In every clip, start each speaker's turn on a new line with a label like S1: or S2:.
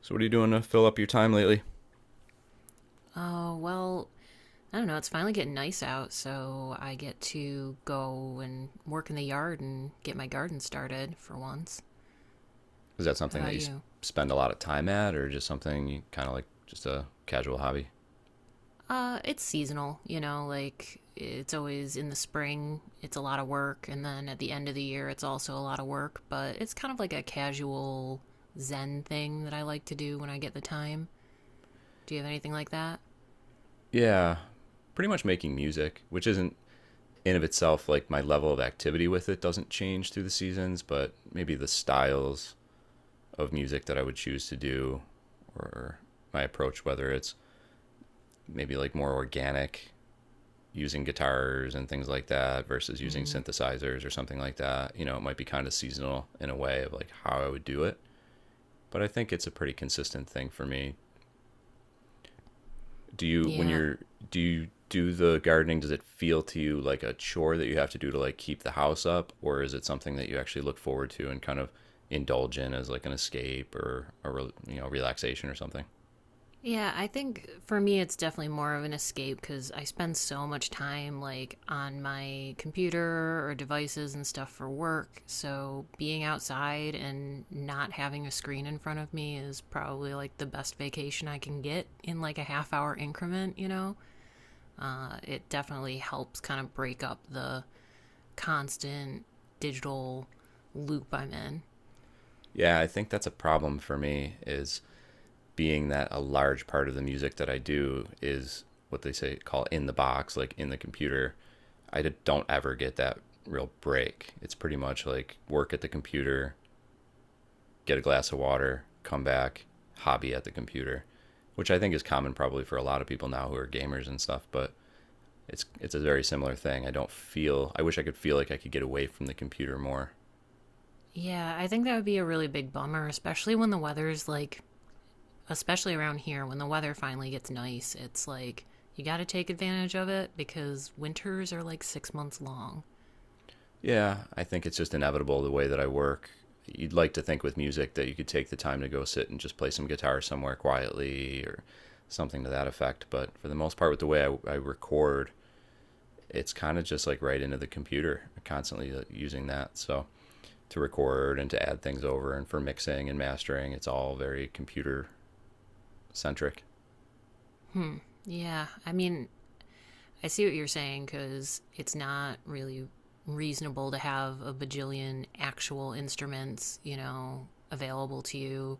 S1: So, what are you doing to fill up your time lately?
S2: Oh, well, I don't know. It's finally getting nice out, so I get to go and work in the yard and get my garden started for once.
S1: Is that
S2: How
S1: something that
S2: about
S1: you
S2: you?
S1: spend a lot of time at, or just something you kind of like just a casual hobby?
S2: It's seasonal, you know, like it's always in the spring, it's a lot of work, and then at the end of the year, it's also a lot of work, but it's kind of like a casual zen thing that I like to do when I get the time. Do you have anything like that?
S1: Yeah, pretty much making music, which isn't in of itself like my level of activity with it doesn't change through the seasons, but maybe the styles of music that I would choose to do or my approach, whether it's maybe like more organic using guitars and things like that versus using
S2: Mm,
S1: synthesizers or something like that. You know, it might be kind of seasonal in a way of like how I would do it. But I think it's a pretty consistent thing for me. Do you when
S2: yeah,
S1: you're do you do the gardening, does it feel to you like a chore that you have to do to like keep the house up, or is it something that you actually look forward to and kind of indulge in as like an escape or a, you know, relaxation or something?
S2: yeah, I think for me it's definitely more of an escape because I spend so much time like on my computer or devices and stuff for work. So being outside and not having a screen in front of me is probably like the best vacation I can get in like a half hour increment, you know? It definitely helps kind of break up the constant digital loop I'm in.
S1: Yeah, I think that's a problem for me is being that a large part of the music that I do is what they say call in the box, like in the computer. I don't ever get that real break. It's pretty much like work at the computer, get a glass of water, come back, hobby at the computer, which I think is common probably for a lot of people now who are gamers and stuff, but it's a very similar thing. I don't feel, I wish I could feel like I could get away from the computer more.
S2: Yeah, I think that would be a really big bummer, especially when the weather's like especially around here when the weather finally gets nice, it's like you got to take advantage of it because winters are like 6 months long.
S1: Yeah, I think it's just inevitable the way that I work. You'd like to think with music that you could take the time to go sit and just play some guitar somewhere quietly or something to that effect. But for the most part, with the way I record, it's kind of just like right into the computer, constantly using that. So to record and to add things over and for mixing and mastering, it's all very computer centric.
S2: Hmm. Yeah. I mean, I see what you're saying because it's not really reasonable to have a bajillion actual instruments, you know, available to you.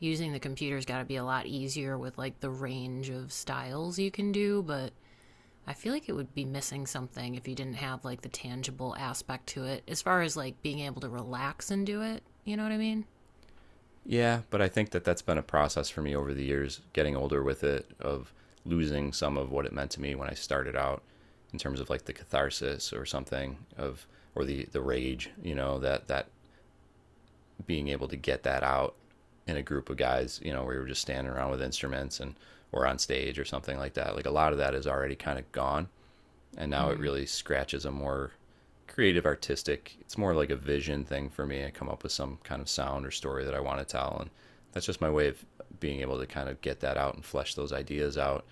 S2: Using the computer's got to be a lot easier with like the range of styles you can do, but I feel like it would be missing something if you didn't have like the tangible aspect to it as far as like being able to relax and do it. You know what I mean?
S1: Yeah, but I think that that's been a process for me over the years, getting older with it, of losing some of what it meant to me when I started out in terms of like the catharsis or something of or the rage, you know, that that being able to get that out in a group of guys, you know, where you're just standing around with instruments and or on stage or something like that. Like a lot of that is already kind of gone, and now it
S2: Hmm.
S1: really scratches a more creative artistic, it's more like a vision thing for me. I come up with some kind of sound or story that I want to tell, and that's just my way of being able to kind of get that out and flesh those ideas out,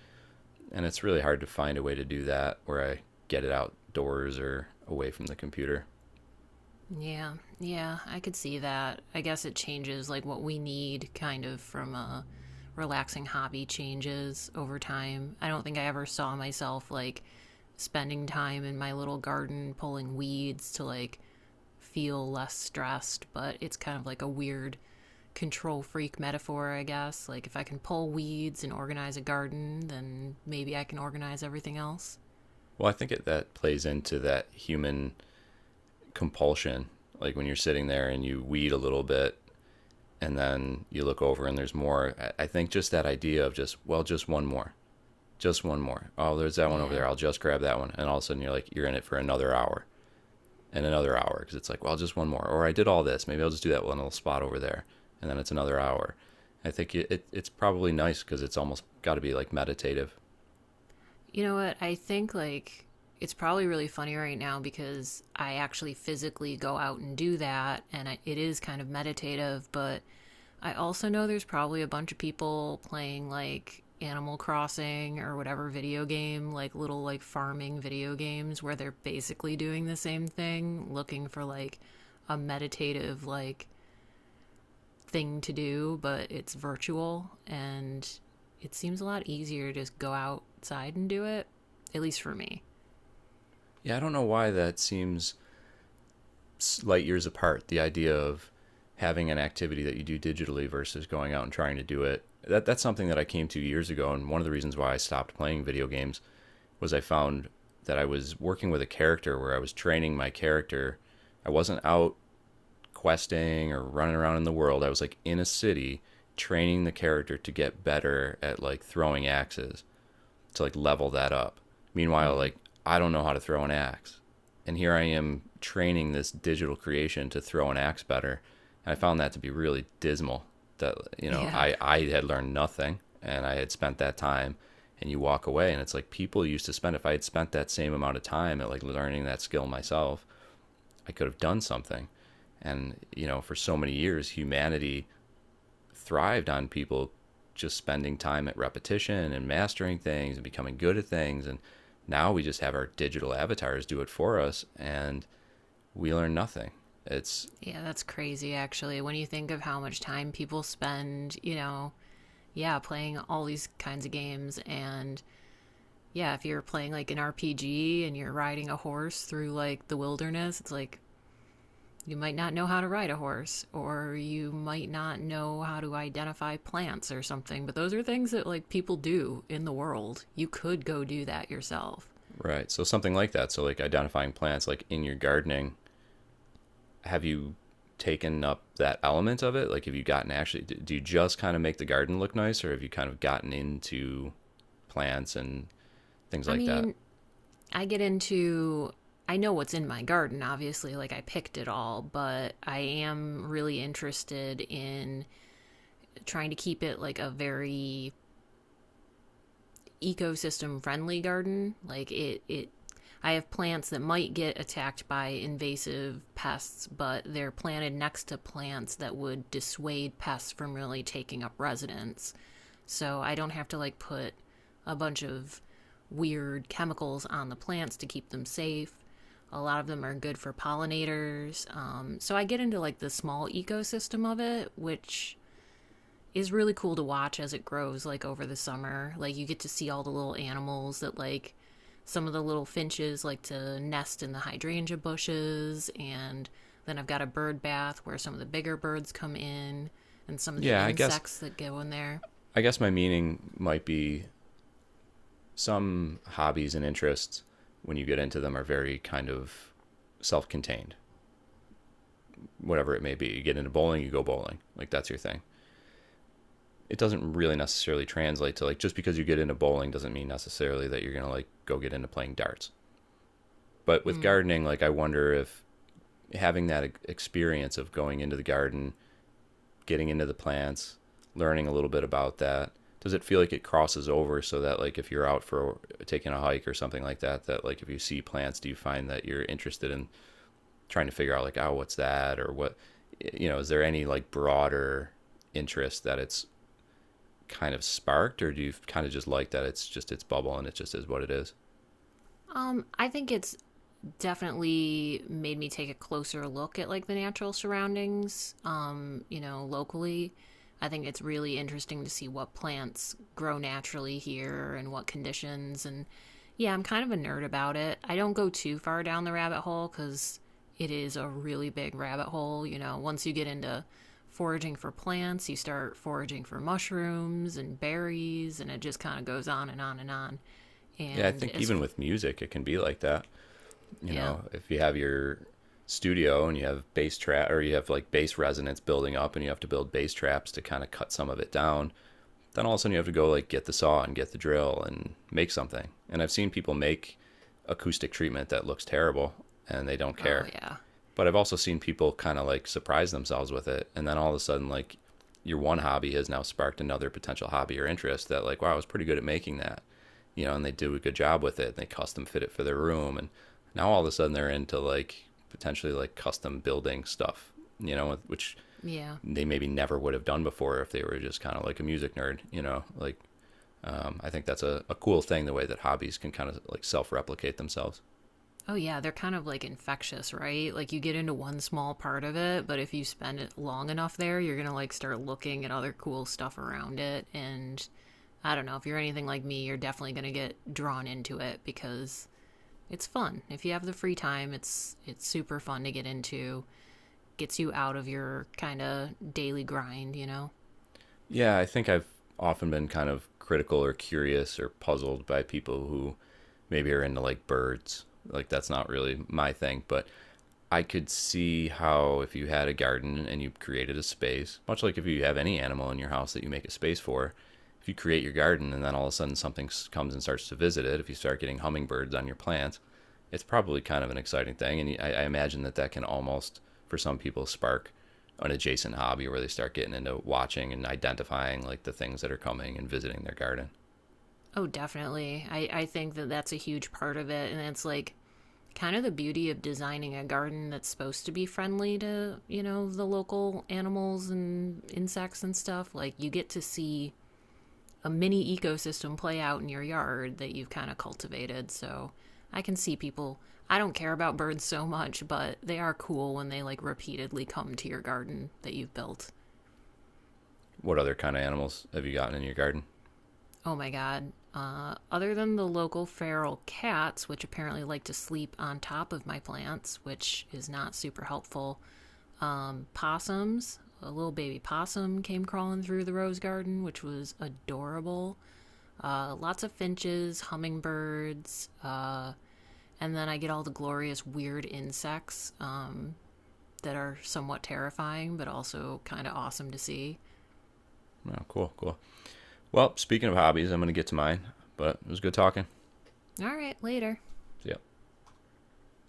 S1: and it's really hard to find a way to do that where I get it outdoors or away from the computer.
S2: Yeah. Yeah, I could see that. I guess it changes like what we need kind of from a relaxing hobby changes over time. I don't think I ever saw myself like spending time in my little garden pulling weeds to like feel less stressed, but it's kind of like a weird control freak metaphor, I guess. Like, if I can pull weeds and organize a garden, then maybe I can organize everything else.
S1: Well, that plays into that human compulsion. Like when you're sitting there and you weed a little bit and then you look over and there's more. I think just that idea of just, well, just one more, just one more. Oh, there's that one over
S2: Yeah.
S1: there. I'll just grab that one. And all of a sudden you're like, you're in it for another hour and another hour because it's like, well, just one more. Or I did all this. Maybe I'll just do that one little spot over there. And then it's another hour. I think it, it It's probably nice because it's almost got to be like meditative.
S2: You know what? I think, like, it's probably really funny right now because I actually physically go out and do that, and it is kind of meditative, but I also know there's probably a bunch of people playing like Animal Crossing or whatever video game, like little like farming video games where they're basically doing the same thing, looking for like a meditative like thing to do, but it's virtual and it seems a lot easier to just go outside and do it, at least for me.
S1: Yeah, I don't know why that seems light years apart. The idea of having an activity that you do digitally versus going out and trying to do it. That that's something that I came to years ago, and one of the reasons why I stopped playing video games was I found that I was working with a character where I was training my character. I wasn't out questing or running around in the world. I was like in a city training the character to get better at like throwing axes, to like level that up. Meanwhile,
S2: Mm.
S1: like I don't know how to throw an axe. And here I am training this digital creation to throw an axe better. And I found that to be really dismal that, you know,
S2: Yeah.
S1: I had learned nothing and I had spent that time, and you walk away and it's like people used to spend, if I had spent that same amount of time at like learning that skill myself, I could have done something. And you know, for so many years humanity thrived on people just spending time at repetition and mastering things and becoming good at things. And now we just have our digital avatars do it for us and we learn nothing. It's
S2: Yeah, that's crazy actually. When you think of how much time people spend, you know, yeah, playing all these kinds of games and yeah, if you're playing like an RPG and you're riding a horse through like the wilderness, it's like you might not know how to ride a horse or you might not know how to identify plants or something, but those are things that like people do in the world. You could go do that yourself.
S1: right. So something like that. So like identifying plants, like in your gardening, have you taken up that element of it? Like have you gotten actually, do you just kind of make the garden look nice, or have you kind of gotten into plants and things
S2: I
S1: like that?
S2: mean, I get into I know what's in my garden, obviously, like I picked it all, but I am really interested in trying to keep it like a very ecosystem friendly garden. I have plants that might get attacked by invasive pests, but they're planted next to plants that would dissuade pests from really taking up residence. So I don't have to like put a bunch of weird chemicals on the plants to keep them safe. A lot of them are good for pollinators. So I get into like the small ecosystem of it, which is really cool to watch as it grows like over the summer. Like you get to see all the little animals that like some of the little finches like to nest in the hydrangea bushes, and then I've got a bird bath where some of the bigger birds come in and some of the
S1: Yeah,
S2: insects that go in there.
S1: I guess my meaning might be some hobbies and interests when you get into them are very kind of self-contained. Whatever it may be, you get into bowling, you go bowling, like that's your thing. It doesn't really necessarily translate to, like, just because you get into bowling doesn't mean necessarily that you're going to like go get into playing darts. But with
S2: Mm.
S1: gardening, like I wonder if having that experience of going into the garden, getting into the plants, learning a little bit about that, does it feel like it crosses over so that like if you're out for taking a hike or something like that, that like if you see plants, do you find that you're interested in trying to figure out like, oh, what's that or what, you know, is there any like broader interest that it's kind of sparked, or do you kind of just like that it's just its bubble and it just is what it is?
S2: I think it's definitely made me take a closer look at like the natural surroundings, you know, locally. I think it's really interesting to see what plants grow naturally here and what conditions. And yeah, I'm kind of a nerd about it. I don't go too far down the rabbit hole because it is a really big rabbit hole, you know. Once you get into foraging for plants, you start foraging for mushrooms and berries, and it just kind of goes on and on and on.
S1: Yeah, I
S2: and
S1: think
S2: as
S1: even
S2: f-
S1: with music, it can be like that. You
S2: yeah.
S1: know, if you have your studio and you have bass trap or you have like bass resonance building up and you have to build bass traps to kind of cut some of it down, then all of a sudden you have to go like get the saw and get the drill and make something. And I've seen people make acoustic treatment that looks terrible and they don't
S2: Oh
S1: care.
S2: yeah.
S1: But I've also seen people kind of like surprise themselves with it. And then all of a sudden, like your one hobby has now sparked another potential hobby or interest that, like, wow, I was pretty good at making that, you know, and they do a good job with it. And they custom fit it for their room. And now all of a sudden they're into like potentially like custom building stuff, you know, which
S2: Yeah.
S1: they maybe never would have done before if they were just kind of like a music nerd, you know, like I think that's a cool thing, the way that hobbies can kind of like self replicate themselves.
S2: Oh, yeah, they're kind of like infectious, right? Like you get into one small part of it, but if you spend it long enough there, you're gonna like start looking at other cool stuff around it. And I don't know, if you're anything like me, you're definitely gonna get drawn into it because it's fun. If you have the free time, it's super fun to get into. Gets you out of your kind of daily grind, you know?
S1: Yeah, I think I've often been kind of critical or curious or puzzled by people who maybe are into like birds. Like that's not really my thing, but I could see how if you had a garden and you created a space, much like if you have any animal in your house that you make a space for, if you create your garden and then all of a sudden something comes and starts to visit it, if you start getting hummingbirds on your plants, it's probably kind of an exciting thing. And I imagine that that can almost, for some people, spark an adjacent hobby where they start getting into watching and identifying like the things that are coming and visiting their garden.
S2: Oh, definitely. I think that that's a huge part of it. And it's like kind of the beauty of designing a garden that's supposed to be friendly to, you know, the local animals and insects and stuff. Like, you get to see a mini ecosystem play out in your yard that you've kind of cultivated. So, I can see people. I don't care about birds so much, but they are cool when they like repeatedly come to your garden that you've built.
S1: What other kind of animals have you gotten in your garden?
S2: Oh my god. Other than the local feral cats, which apparently like to sleep on top of my plants, which is not super helpful, possums. A little baby possum came crawling through the rose garden, which was adorable. Lots of finches, hummingbirds, and then I get all the glorious weird insects, that are somewhat terrifying, but also kind of awesome to see.
S1: Oh, cool, cool. Well, speaking of hobbies, I'm going to get to mine, but it was good talking.
S2: All right, later.
S1: See ya.